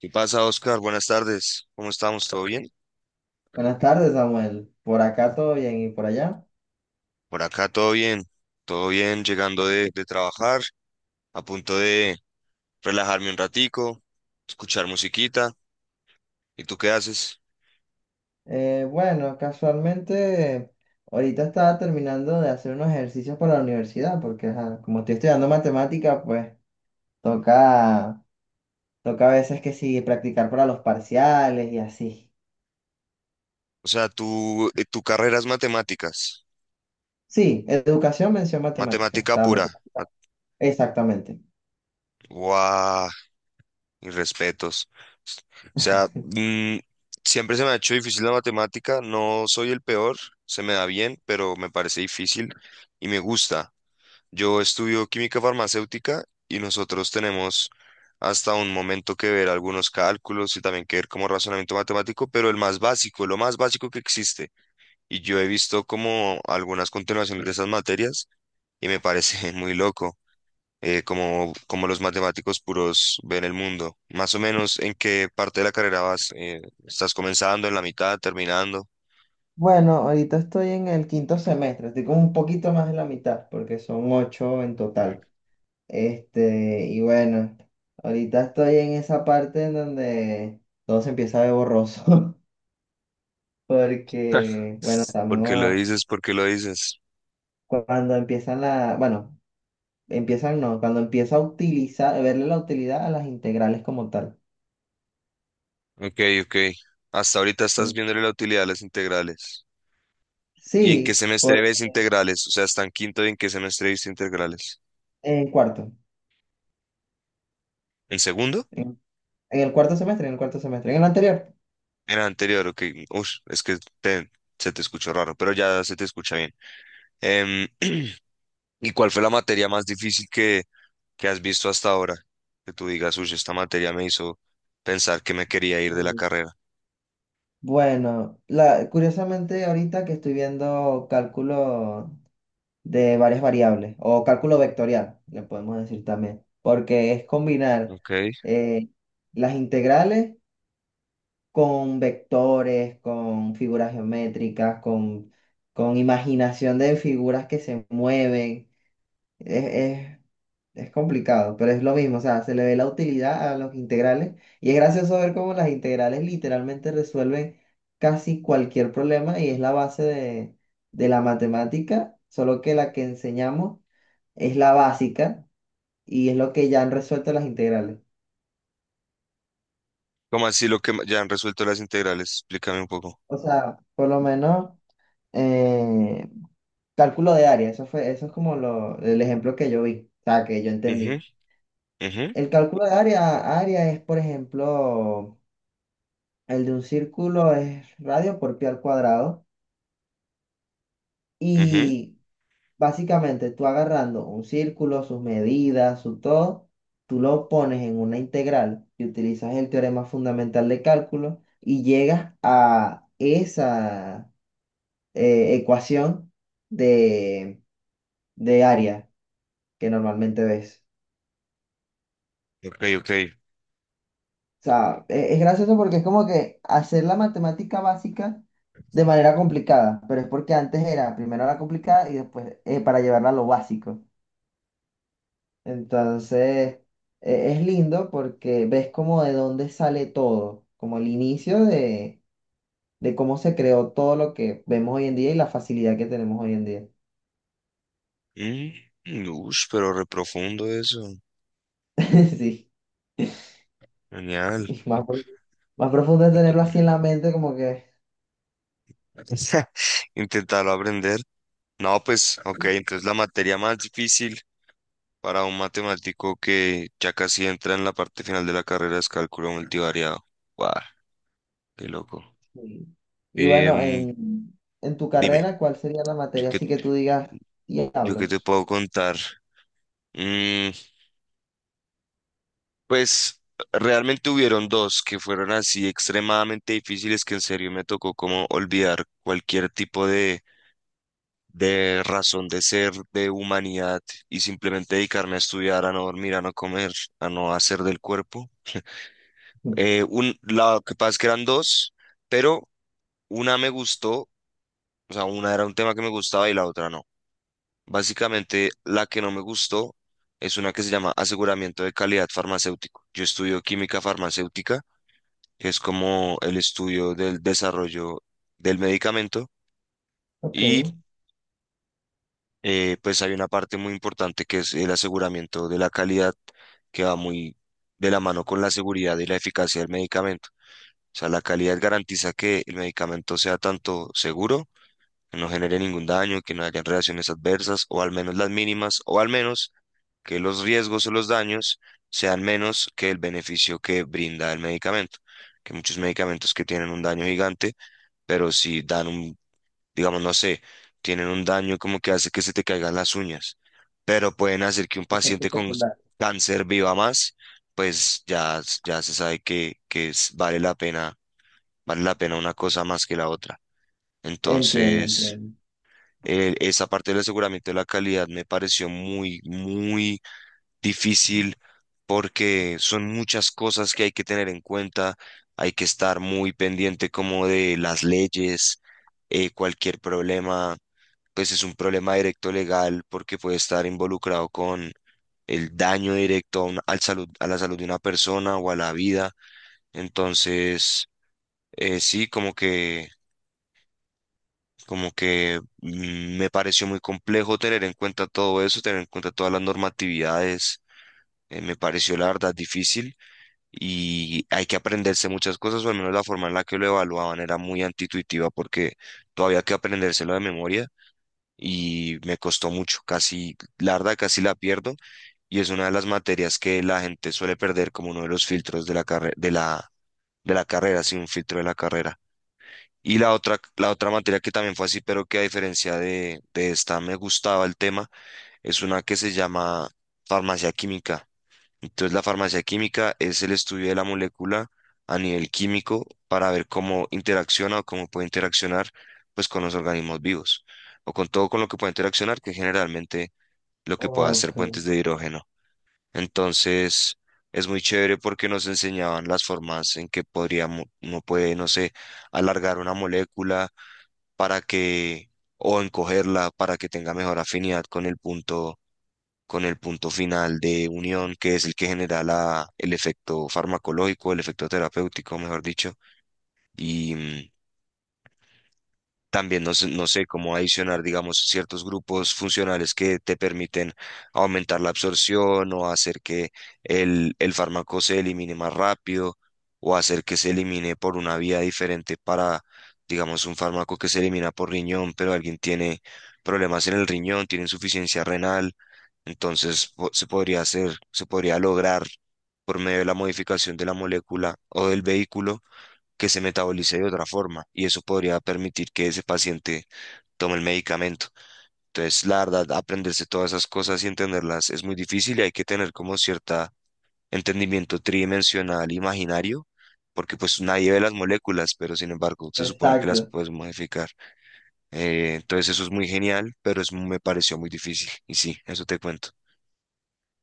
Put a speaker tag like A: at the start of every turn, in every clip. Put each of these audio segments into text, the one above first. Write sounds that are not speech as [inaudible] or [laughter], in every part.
A: ¿Qué pasa, Oscar? Buenas tardes. ¿Cómo estamos? ¿Todo bien?
B: Buenas tardes, Samuel. Por acá todo bien y por allá.
A: Por acá todo bien. Todo bien, llegando de trabajar, a punto de relajarme un ratico, escuchar musiquita. ¿Y tú qué haces?
B: Bueno, Casualmente ahorita estaba terminando de hacer unos ejercicios para la universidad, porque ajá, como estoy estudiando matemática, pues toca, toca a veces que sí, practicar para los parciales y así.
A: O sea, tú, tu carrera es matemáticas,
B: Sí, educación, mención matemática. O
A: matemática
B: sea,
A: pura.
B: matemática.
A: Ma-
B: Exactamente.
A: ¡Guau! Mis respetos. O sea, siempre se me ha hecho difícil la matemática. No soy el peor, se me da bien, pero me parece difícil y me gusta. Yo estudio química farmacéutica y nosotros tenemos hasta un momento que ver algunos cálculos y también que ver como razonamiento matemático, pero el más básico, lo más básico que existe. Y yo he visto como algunas continuaciones de esas materias y me parece [laughs] muy loco, como, como los matemáticos puros ven el mundo. Más o menos, ¿en qué parte de la carrera vas? Estás comenzando, en la mitad, terminando?
B: Bueno, ahorita estoy en el quinto semestre, estoy como un poquito más de la mitad, porque son ocho en total. Este, y bueno, ahorita estoy en esa parte en donde todo se empieza a ver borroso, [laughs] porque, bueno,
A: ¿Por qué lo
B: estamos,
A: dices? ¿Por qué lo dices?
B: cuando empiezan la, bueno, empiezan no, cuando empieza a utilizar, verle la utilidad a las integrales como tal.
A: Ok, ok. Hasta ahorita estás
B: En-
A: viendo la utilidad de las integrales. ¿Y en qué
B: Sí,
A: semestre ves integrales? O sea, está en quinto y en qué semestre viste integrales.
B: en cuarto,
A: ¿En segundo?
B: en, en el cuarto semestre, en el anterior.
A: Era anterior, ok. Ush, es que te- se te escuchó raro, pero ya se te escucha bien. Em, [clears throat] ¿Y cuál fue la materia más difícil que has visto hasta ahora? Que tú digas, uy, esta materia me hizo pensar que me quería ir de la
B: Mm.
A: carrera.
B: Bueno, curiosamente ahorita que estoy viendo cálculo de varias variables o cálculo vectorial, le podemos decir también, porque es combinar
A: Ok.
B: eh, las integrales con vectores, con figuras geométricas, con imaginación de figuras que se mueven. Es, es- es complicado, pero es lo mismo, o sea, se le ve la utilidad a los integrales y es gracioso ver cómo las integrales literalmente resuelven casi cualquier problema y es la base de la matemática, solo que la que enseñamos es la básica y es lo que ya han resuelto las integrales.
A: ¿Cómo así lo que ma- ya han resuelto las integrales? Explícame un poco.
B: O sea, por lo menos eh, cálculo de área, eso es como el ejemplo que yo vi, o sea, que yo
A: Ujú,
B: entendí.
A: ujú,
B: El cálculo de área, área es, por ejemplo, el de un círculo es radio por pi al cuadrado
A: ujú.
B: y básicamente, tú agarrando un círculo, sus medidas, su todo, tú lo pones en una integral y utilizas el teorema fundamental de cálculo y llegas a esa ecuación de, de área que normalmente ves.
A: Ok, ok.
B: O sea, es gracioso porque es como que hacer la matemática básica de manera complicada, pero es porque antes era primero la complicada y después para llevarla a lo básico. Entonces, es lindo porque ves como de dónde sale todo, como el inicio de cómo se creó todo lo que vemos hoy en día y la facilidad que tenemos hoy en día.
A: Mm, ush, pero reprofundo eso.
B: [laughs] Sí,
A: Genial.
B: y más, más profundo es tenerlo así en la mente, como que...
A: [laughs] Intentarlo aprender. No, pues, ok, entonces la materia más difícil para un matemático que ya casi entra en la parte final de la carrera es cálculo multivariado. Guau, qué loco.
B: sí. Y bueno,
A: Em,
B: en tu
A: dime,
B: carrera, ¿cuál sería la
A: ¿yo
B: materia
A: qué,
B: así que tú digas,
A: yo qué te
B: diablos?
A: puedo contar? Mm, pues, realmente hubieron dos que fueron así extremadamente difíciles que en serio me tocó como olvidar cualquier tipo de razón de ser, de humanidad y simplemente dedicarme a estudiar, a no dormir, a no comer, a no hacer del cuerpo.
B: Mm.
A: Un, la que pasa es que eran dos, pero una me gustó, o sea, una era un tema que me gustaba y la otra no. Básicamente, la que no me gustó es una que se llama aseguramiento de calidad farmacéutico. Yo estudio química farmacéutica, que es como el estudio del desarrollo del medicamento.
B: Ok,
A: Y
B: [laughs]
A: pues hay una parte muy importante que es el aseguramiento de la calidad, que va muy de la mano con la seguridad y la eficacia del medicamento. O sea, la calidad garantiza que el medicamento sea tanto seguro, que no genere ningún daño, que no hayan reacciones adversas, o al menos las mínimas, o al menos que los riesgos o los daños sean menos que el beneficio que brinda el medicamento. Que muchos medicamentos que tienen un daño gigante, pero si dan un digamos, no sé, tienen un daño como que hace que se te caigan las uñas, pero pueden hacer que un
B: efecto
A: paciente con s-
B: secundario.
A: cáncer viva más, pues ya, s- ya se sabe que es- vale la pena una cosa más que la otra.
B: Entiendo,
A: Entonces,
B: entiendo.
A: esa parte del aseguramiento de la calidad me pareció muy, muy difícil porque son muchas cosas que hay que tener en cuenta, hay que estar muy pendiente como de las leyes, cualquier problema pues es un problema directo legal porque puede estar involucrado con el daño directo a, una- al salud, a la salud de una persona o a la vida. Entonces, sí, como que me pareció muy complejo tener en cuenta todo eso, tener en cuenta todas las normatividades. Me pareció la verdad difícil y hay que aprenderse muchas cosas, o al menos la forma en la que lo evaluaban era muy antituitiva porque todavía hay que aprendérselo de memoria. Y me costó mucho, casi, la verdad, casi la pierdo y es una de las materias que la gente suele perder como uno de los filtros de la carre- de la carrera, sí, un filtro de la carrera. Y la otra materia que también fue así, pero que a diferencia de esta me gustaba el tema, es una que se llama farmacia química. Entonces, la farmacia química es el estudio de la molécula a nivel químico para ver cómo interacciona o cómo puede interaccionar pues con los organismos vivos o con todo con lo que puede interaccionar, que generalmente lo que puede hacer
B: Ok,
A: puentes de hidrógeno. Entonces, es muy chévere porque nos enseñaban las formas en que podríamos, uno puede, no sé, alargar una molécula para que o encogerla para que tenga mejor afinidad con el punto final de unión, que es el que genera la, el efecto farmacológico, el efecto terapéutico, mejor dicho, y también no, sé- no sé cómo adicionar, digamos, ciertos grupos funcionales que te permiten aumentar la absorción o hacer que el fármaco se elimine más rápido o hacer que se elimine por una vía diferente para, digamos, un fármaco que se elimina por riñón, pero alguien tiene problemas en el riñón, tiene insuficiencia renal entonces po- se podría hacer, se podría lograr por medio de la modificación de la molécula o del vehículo que se metabolice de otra forma y eso podría permitir que ese paciente tome el medicamento. Entonces, la verdad, aprenderse todas esas cosas y entenderlas es muy difícil y hay que tener como cierta entendimiento tridimensional imaginario, porque pues nadie ve las moléculas, pero sin embargo se supone que las
B: exacto.
A: puedes modificar. Entonces eso es muy genial, pero es, me pareció muy difícil y sí, eso te cuento.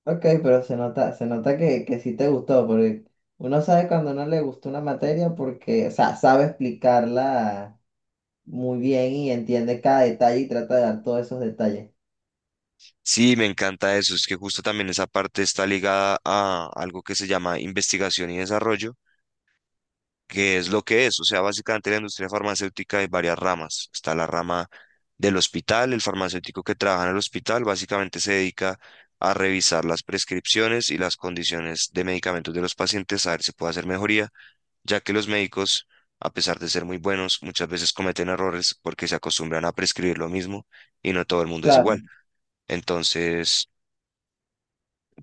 B: Ok, pero se nota que sí te gustó, porque uno sabe cuando no le gustó una materia porque, o sea, sabe explicarla muy bien y entiende cada detalle y trata de dar todos esos detalles.
A: Sí, me encanta eso. Es que justo también esa parte está ligada a algo que se llama investigación y desarrollo, que es lo que es. O sea, básicamente la industria farmacéutica hay varias ramas. Está la rama del hospital, el farmacéutico que trabaja en el hospital básicamente se dedica a revisar las prescripciones y las condiciones de medicamentos de los pacientes, a ver si puede hacer mejoría, ya que los médicos, a pesar de ser muy buenos, muchas veces cometen errores porque se acostumbran a prescribir lo mismo y no todo el mundo es
B: Claro,
A: igual. Entonces...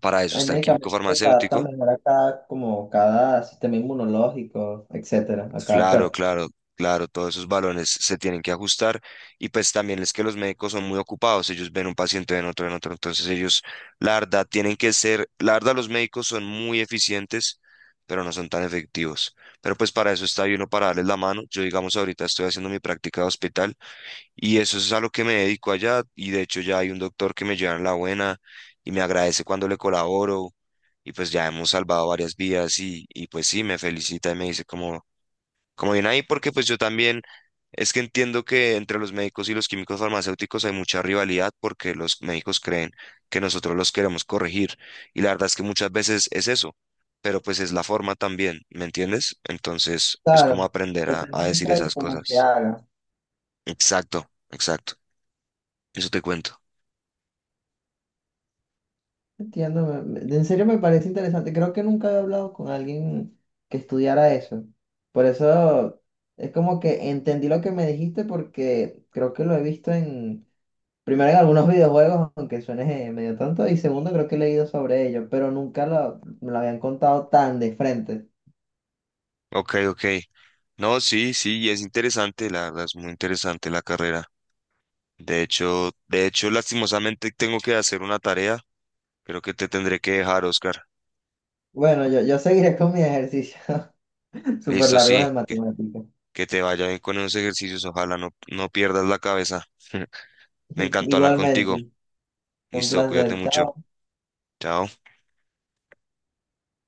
A: Para eso
B: hay
A: está el químico
B: medicamentos que se adaptan
A: farmacéutico.
B: mejor a cada, como cada sistema inmunológico, etcétera, a cada
A: Claro,
B: cuerpo.
A: claro, claro, todos esos balones se tienen que ajustar. Y pues también es que los médicos son muy ocupados, ellos ven un paciente, ven otro, ven otro. Entonces ellos, la verdad, tienen que ser, la verdad, los médicos son muy eficientes, pero no son tan efectivos. Pero pues para eso está ahí uno para darles la mano. Yo, digamos, ahorita estoy haciendo mi práctica de hospital y eso es a lo que me dedico allá. Y de hecho ya hay un doctor que me lleva en la buena y me agradece cuando le colaboro. Y pues ya hemos salvado varias vidas y pues sí, me felicita y me dice como, como bien ahí, porque pues yo también es que entiendo que entre los médicos y los químicos farmacéuticos hay mucha rivalidad porque los médicos creen que nosotros los queremos corregir. Y la verdad es que muchas veces es eso, pero pues es la forma también, ¿me entiendes? Entonces es como
B: Claro,
A: aprender
B: depende
A: a decir
B: mucho de
A: esas
B: cómo se
A: cosas.
B: haga.
A: Exacto, exacto. Eso te cuento.
B: Entiendo, en serio me parece interesante. Creo que nunca había hablado con alguien que estudiara eso. Por eso es como que entendí lo que me dijiste porque creo que lo he visto en, primero en algunos videojuegos, aunque suene medio tonto, y segundo creo que he leído sobre ello, pero nunca me lo habían contado tan de frente.
A: Ok, ok. No, sí, sí, y es interesante, la verdad, es muy interesante la carrera. De hecho, lastimosamente tengo que hacer una tarea. Creo que te tendré que dejar, Oscar.
B: Bueno, yo seguiré con mis ejercicios [laughs] súper
A: Listo,
B: largos
A: sí,
B: de matemáticas.
A: que te vaya bien con esos ejercicios. Ojalá no pierdas la cabeza. [laughs] Me
B: [laughs]
A: encantó hablar contigo.
B: Igualmente, fue un
A: Listo, cuídate
B: placer.
A: mucho.
B: Chao.
A: Chao.